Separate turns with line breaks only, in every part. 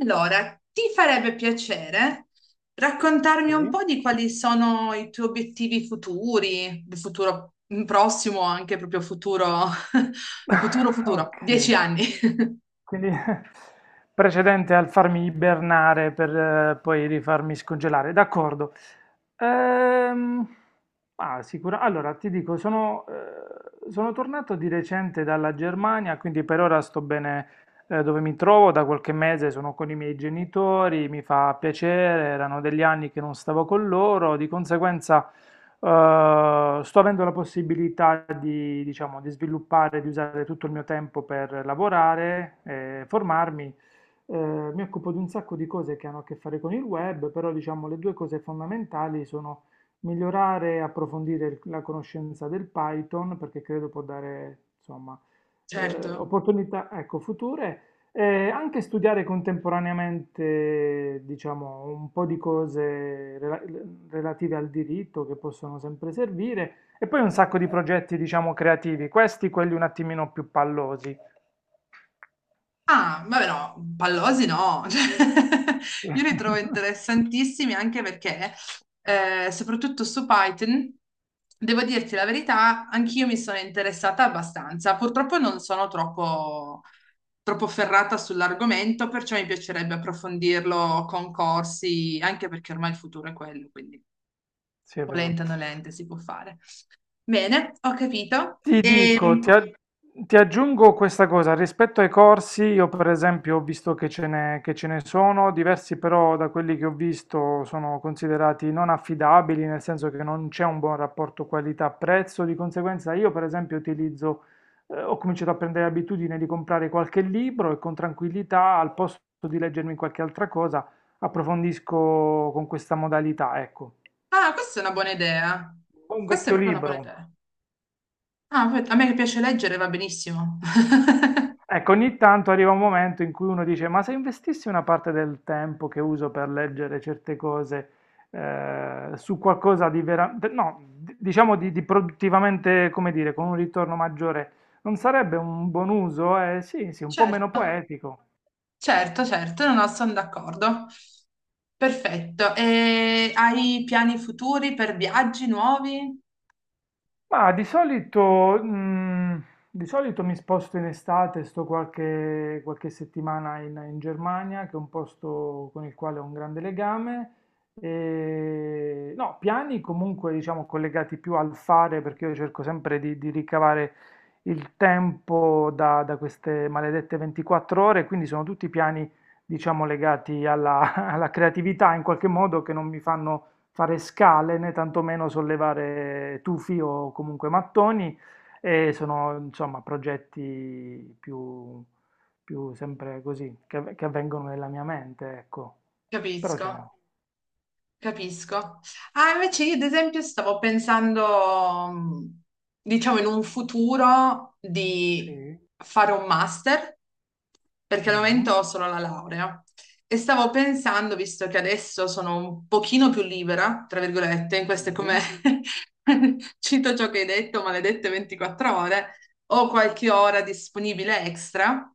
Allora, ti farebbe piacere raccontarmi un
Sì,
po' di quali sono i tuoi obiettivi futuri, il futuro il prossimo, anche proprio futuro, futuro, futuro, dieci
okay.
anni.
Quindi precedente al farmi ibernare per poi rifarmi scongelare, d'accordo. Ehm, ma sicura allora ti dico sono tornato di recente dalla Germania, quindi per ora sto bene. Dove mi trovo, da qualche mese sono con i miei genitori, mi fa piacere, erano degli anni che non stavo con loro, di conseguenza sto avendo la possibilità di, diciamo, di sviluppare, di usare tutto il mio tempo per lavorare, formarmi. Mi occupo di un sacco di cose che hanno a che fare con il web, però diciamo le due cose fondamentali sono migliorare e approfondire la conoscenza del Python, perché credo può dare, insomma,
Certo.
opportunità, ecco, future. Anche studiare contemporaneamente, diciamo, un po' di cose relative al diritto che possono sempre servire e poi un sacco di progetti, diciamo, creativi, questi quelli un attimino più pallosi.
Ah, vabbè no, pallosi no, cioè, io li trovo interessantissimi anche perché, soprattutto su Python, devo dirti la verità, anch'io mi sono interessata abbastanza. Purtroppo non sono troppo ferrata sull'argomento, perciò mi piacerebbe approfondirlo con corsi, anche perché ormai il futuro è quello, quindi
Sì, è vero.
volente o nolente si può fare. Bene, ho capito.
Ti dico,
E...
ti aggiungo questa cosa, rispetto ai corsi, io per esempio ho visto che ce ne sono diversi, però da quelli che ho visto sono considerati non affidabili, nel senso che non c'è un buon rapporto qualità-prezzo. Di conseguenza, io per esempio utilizzo, ho cominciato a prendere abitudine di comprare qualche libro e con tranquillità, al posto di leggermi qualche altra cosa, approfondisco con questa modalità, ecco.
Ah, questa è una buona idea.
Un
Questa è
vecchio
proprio una buona
libro.
idea. Ah, a me che piace leggere va benissimo.
Ecco, ogni tanto arriva un momento in cui uno dice, ma se investissi una parte del tempo che uso per leggere certe cose su qualcosa di veramente, no, diciamo di, produttivamente, come dire, con un ritorno maggiore, non sarebbe un buon uso? Sì, sì, un po' meno
Certo,
poetico.
certo, certo, no, no, sono d'accordo. Perfetto. E hai piani futuri per viaggi nuovi?
Ma di solito mi sposto in estate, sto qualche settimana in Germania, che è un posto con il quale ho un grande legame. E, no, piani comunque diciamo collegati più al fare, perché io cerco sempre di ricavare il tempo da queste maledette 24 ore, quindi sono tutti piani diciamo legati alla alla creatività in qualche modo che non mi fanno fare scale né tantomeno sollevare tufi o comunque mattoni e sono insomma progetti più, più sempre così che avvengono nella mia mente, ecco. Però
Capisco.
ce ne ho.
Capisco. Ah, invece io ad esempio stavo pensando, diciamo, in un futuro di
Sì.
fare un master, perché al
Mhm.
momento ho solo la laurea. E stavo pensando, visto che adesso sono un pochino più libera, tra virgolette, in queste come
Sì.
cito ciò che hai detto, maledette 24 ore, ho qualche ora disponibile extra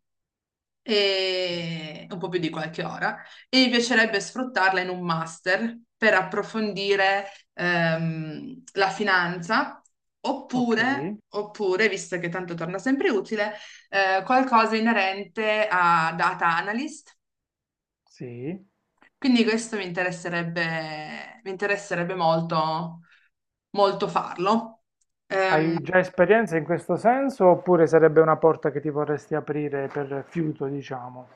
Sì.
e un po' più di qualche ora, e mi piacerebbe sfruttarla in un master per approfondire la finanza,
Ok.
oppure, visto che tanto torna sempre utile, qualcosa inerente a data analyst.
Sì.
Quindi questo mi interesserebbe, molto farlo. Ehm,
Hai già esperienza in questo senso oppure sarebbe una porta che ti vorresti aprire per fiuto, diciamo?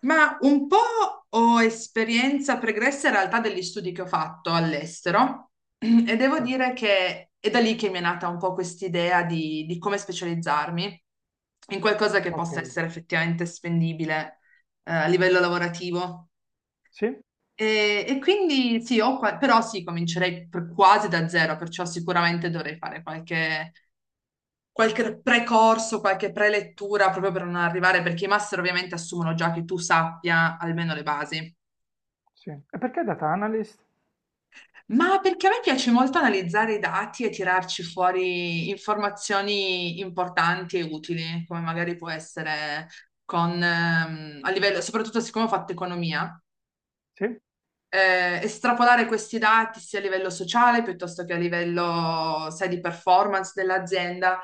Ma un po' ho esperienza pregressa in realtà degli studi che ho fatto all'estero e devo
Sì.
dire che è da lì che mi è nata un po' quest'idea di come specializzarmi in qualcosa che
Ok.
possa essere effettivamente spendibile a livello lavorativo.
Sì?
E quindi sì, però sì, comincerei quasi da zero, perciò sicuramente dovrei fare qualche precorso, qualche prelettura proprio per non arrivare, perché i master ovviamente assumono già che tu sappia almeno le basi.
Sì. E perché data analyst?
Ma perché a me piace molto analizzare i dati e tirarci fuori informazioni importanti e utili, come magari può essere a livello, soprattutto siccome ho fatto economia,
Sì?
estrapolare questi dati sia a livello sociale piuttosto che a livello, sai, di performance dell'azienda.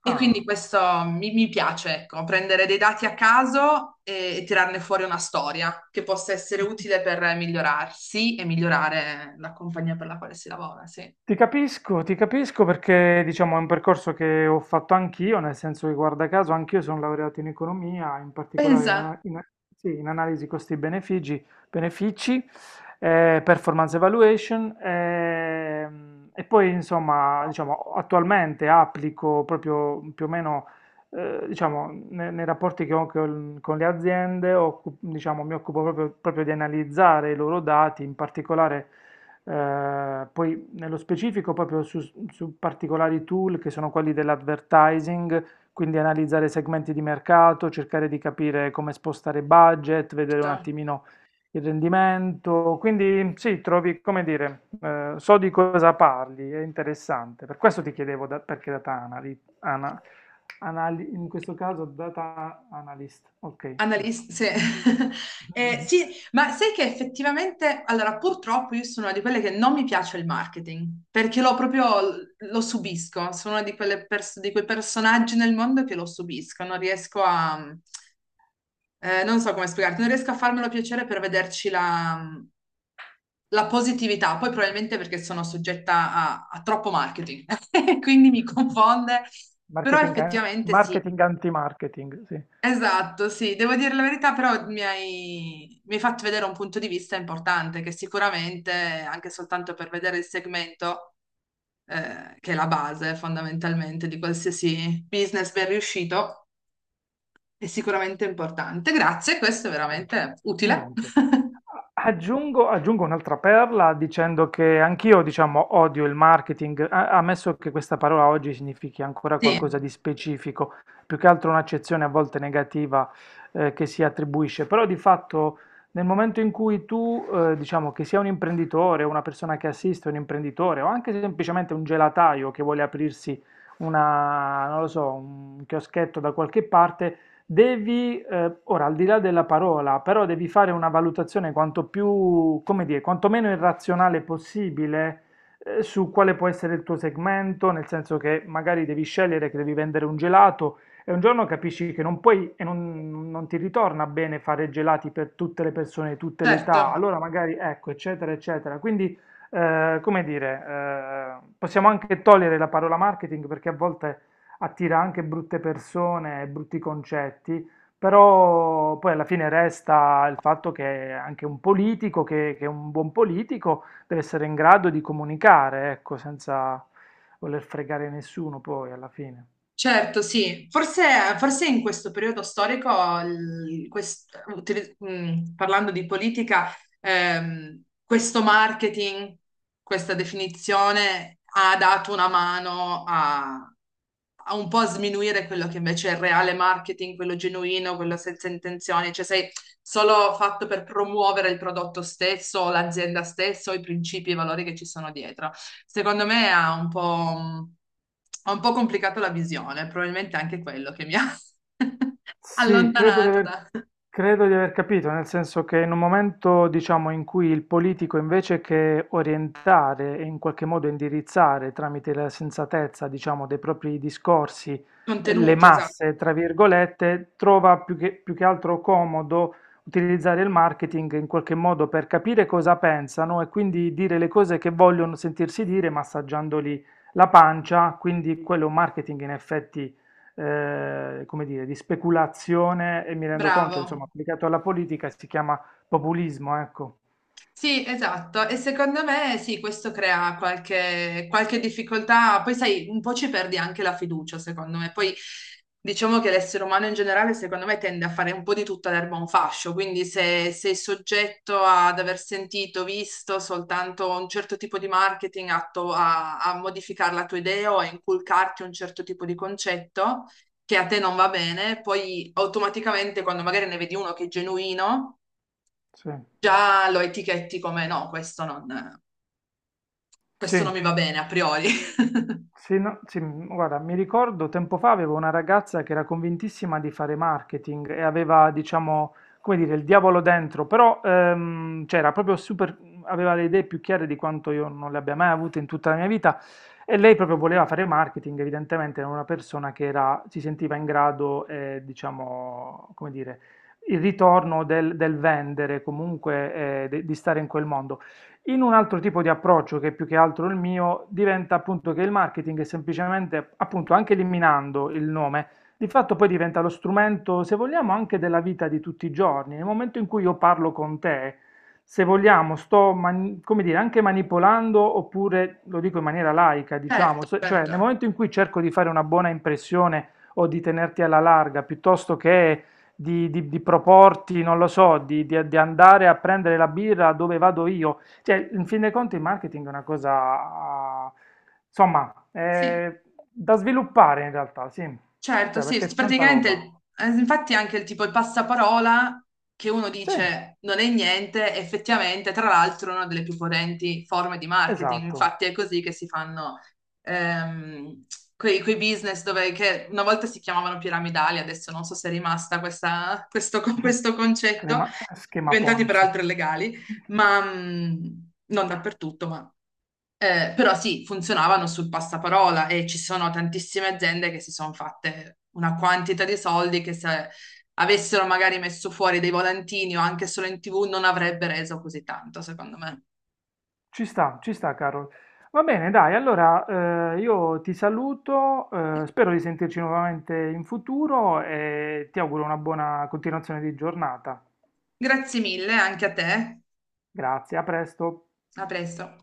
E quindi
Ah.
questo mi piace, ecco, prendere dei dati a caso e tirarne fuori una storia che possa essere utile per migliorarsi e migliorare la compagnia per la quale si lavora, sì.
Ti capisco, ti capisco, perché diciamo è un percorso che ho fatto anch'io, nel senso che guarda caso anch'io sono laureato in economia, in particolare in,
Esatto,
ana- in- a- sì, in analisi costi-benefici, benefici, performance evaluation, e poi insomma diciamo attualmente applico proprio più o meno, diciamo nei rapporti che ho con, le aziende, diciamo, mi occupo proprio proprio di analizzare i loro dati, in particolare poi nello specifico proprio su particolari tool che sono quelli dell'advertising, quindi analizzare segmenti di mercato, cercare di capire come spostare budget, vedere un attimino il rendimento. Quindi sì, trovi, come dire, so di cosa parli, è interessante. Per questo ti chiedevo perché data analy, ana- anali- in questo caso data analyst, ok, giusto.
analista, sì. Sì, ma sai che effettivamente, allora purtroppo io sono una di quelle che non mi piace il marketing, perché lo proprio lo subisco, sono una di quelle di quei personaggi nel mondo che lo subisco, non non so come spiegarti, non riesco a farmelo piacere per la positività, poi probabilmente perché sono soggetta a troppo marketing, quindi mi confonde, però
Marketing,
effettivamente sì.
marketing anti-marketing, sì.
Esatto, sì, devo dire la verità, però mi hai fatto vedere un punto di vista importante che sicuramente, anche soltanto per vedere il segmento, che è la base fondamentalmente di qualsiasi business ben riuscito, è sicuramente importante. Grazie, questo è veramente
Di
utile.
niente. Aggiungo un'altra perla dicendo che anch'io, diciamo, odio il marketing, ammesso che questa parola oggi significhi ancora
Sì,
qualcosa di specifico, più che altro un'accezione a volte negativa che si attribuisce, però di fatto nel momento in cui tu, diciamo, che sia un imprenditore, una persona che assiste un imprenditore o anche semplicemente un gelataio che vuole aprirsi una, non lo so, un chioschetto da qualche parte, devi, ora al di là della parola, però devi fare una valutazione quanto più, come dire, quanto meno irrazionale possibile, su quale può essere il tuo segmento, nel senso che magari devi scegliere che devi vendere un gelato e un giorno capisci che non puoi e non ti ritorna bene fare gelati per tutte le persone, di tutte le età,
certo.
allora magari ecco, eccetera, eccetera. Quindi, come dire, possiamo anche togliere la parola marketing perché a volte attira anche brutte persone e brutti concetti, però poi alla fine resta il fatto che anche un politico, che un buon politico, deve essere in grado di comunicare, ecco, senza voler fregare nessuno poi alla fine.
Certo, sì. Forse in questo periodo storico, parlando di politica, questo marketing, questa definizione ha dato una mano a un po' sminuire quello che invece è il reale marketing, quello genuino, quello senza intenzioni. Cioè, sai, solo fatto per promuovere il prodotto stesso, l'azienda stessa, i principi e i valori che ci sono dietro. Secondo me ha un po', ha un po' complicato la visione, probabilmente anche quello che mi ha
Sì,
allontanato da
credo di aver capito, nel senso che in un momento, diciamo, in cui il politico invece che orientare e in qualche modo indirizzare tramite la sensatezza, diciamo, dei propri discorsi, le
contenuti, esatto.
masse, tra virgolette, trova più che altro comodo utilizzare il marketing in qualche modo per capire cosa pensano e quindi dire le cose che vogliono sentirsi dire, massaggiandoli la pancia, quindi quello è un marketing in effetti, come dire, di speculazione, e mi rendo conto, insomma,
Bravo.
applicato alla politica si chiama populismo, ecco.
Sì, esatto, e secondo me sì, questo crea qualche difficoltà, poi sai, un po' ci perdi anche la fiducia, secondo me, poi diciamo che l'essere umano in generale, secondo me, tende a fare un po' di tutta l'erba un fascio, quindi se sei soggetto ad aver sentito, visto soltanto un certo tipo di marketing atto a modificare la tua idea o a inculcarti un certo tipo di concetto che a te non va bene, poi automaticamente quando magari ne vedi uno che è genuino
Sì,
già lo etichetti come no,
sì.
questo non mi va bene a priori.
Sì, no, sì, guarda, mi ricordo tempo fa avevo una ragazza che era convintissima di fare marketing e aveva, diciamo, come dire, il diavolo dentro, però cioè, era proprio super, aveva le idee più chiare di quanto io non le abbia mai avute in tutta la mia vita, e lei proprio voleva fare marketing, evidentemente era una persona che era, si sentiva in grado, diciamo, come dire, il ritorno del, vendere, comunque di stare in quel mondo. In un altro tipo di approccio, che è più che altro il mio, diventa appunto che il marketing è semplicemente, appunto, anche eliminando il nome, di fatto poi diventa lo strumento, se vogliamo, anche della vita di tutti i giorni. Nel momento in cui io parlo con te, se vogliamo, sto, come dire, anche manipolando, oppure lo dico in maniera laica, diciamo,
Certo,
cioè nel
certo,
momento in cui cerco di fare una buona impressione o di tenerti alla larga, piuttosto che di proporti, non lo so, di andare a prendere la birra dove vado io, cioè, in fin dei conti il marketing è una cosa, insomma,
sì,
da sviluppare in realtà, sì.
certo,
Cioè,
sì,
perché è tanta
praticamente,
roba.
infatti anche il tipo il passaparola che uno
Sì,
dice non è niente, effettivamente, tra l'altro, è una delle più potenti forme di marketing,
esatto.
infatti è così che si fanno ehm, quei business dove, che una volta si chiamavano piramidali, adesso non so se è rimasta questo, questo concetto,
Schema
diventati
Ponzi.
peraltro illegali, ma non dappertutto, però sì, funzionavano sul passaparola e ci sono tantissime aziende che si sono fatte una quantità di soldi che se avessero magari messo fuori dei volantini o anche solo in TV non avrebbe reso così tanto, secondo me.
Ci sta, caro. Va bene, dai, allora io ti saluto, spero di sentirci nuovamente in futuro e ti auguro una buona continuazione di giornata.
Grazie mille anche a te.
Grazie, a presto.
A presto.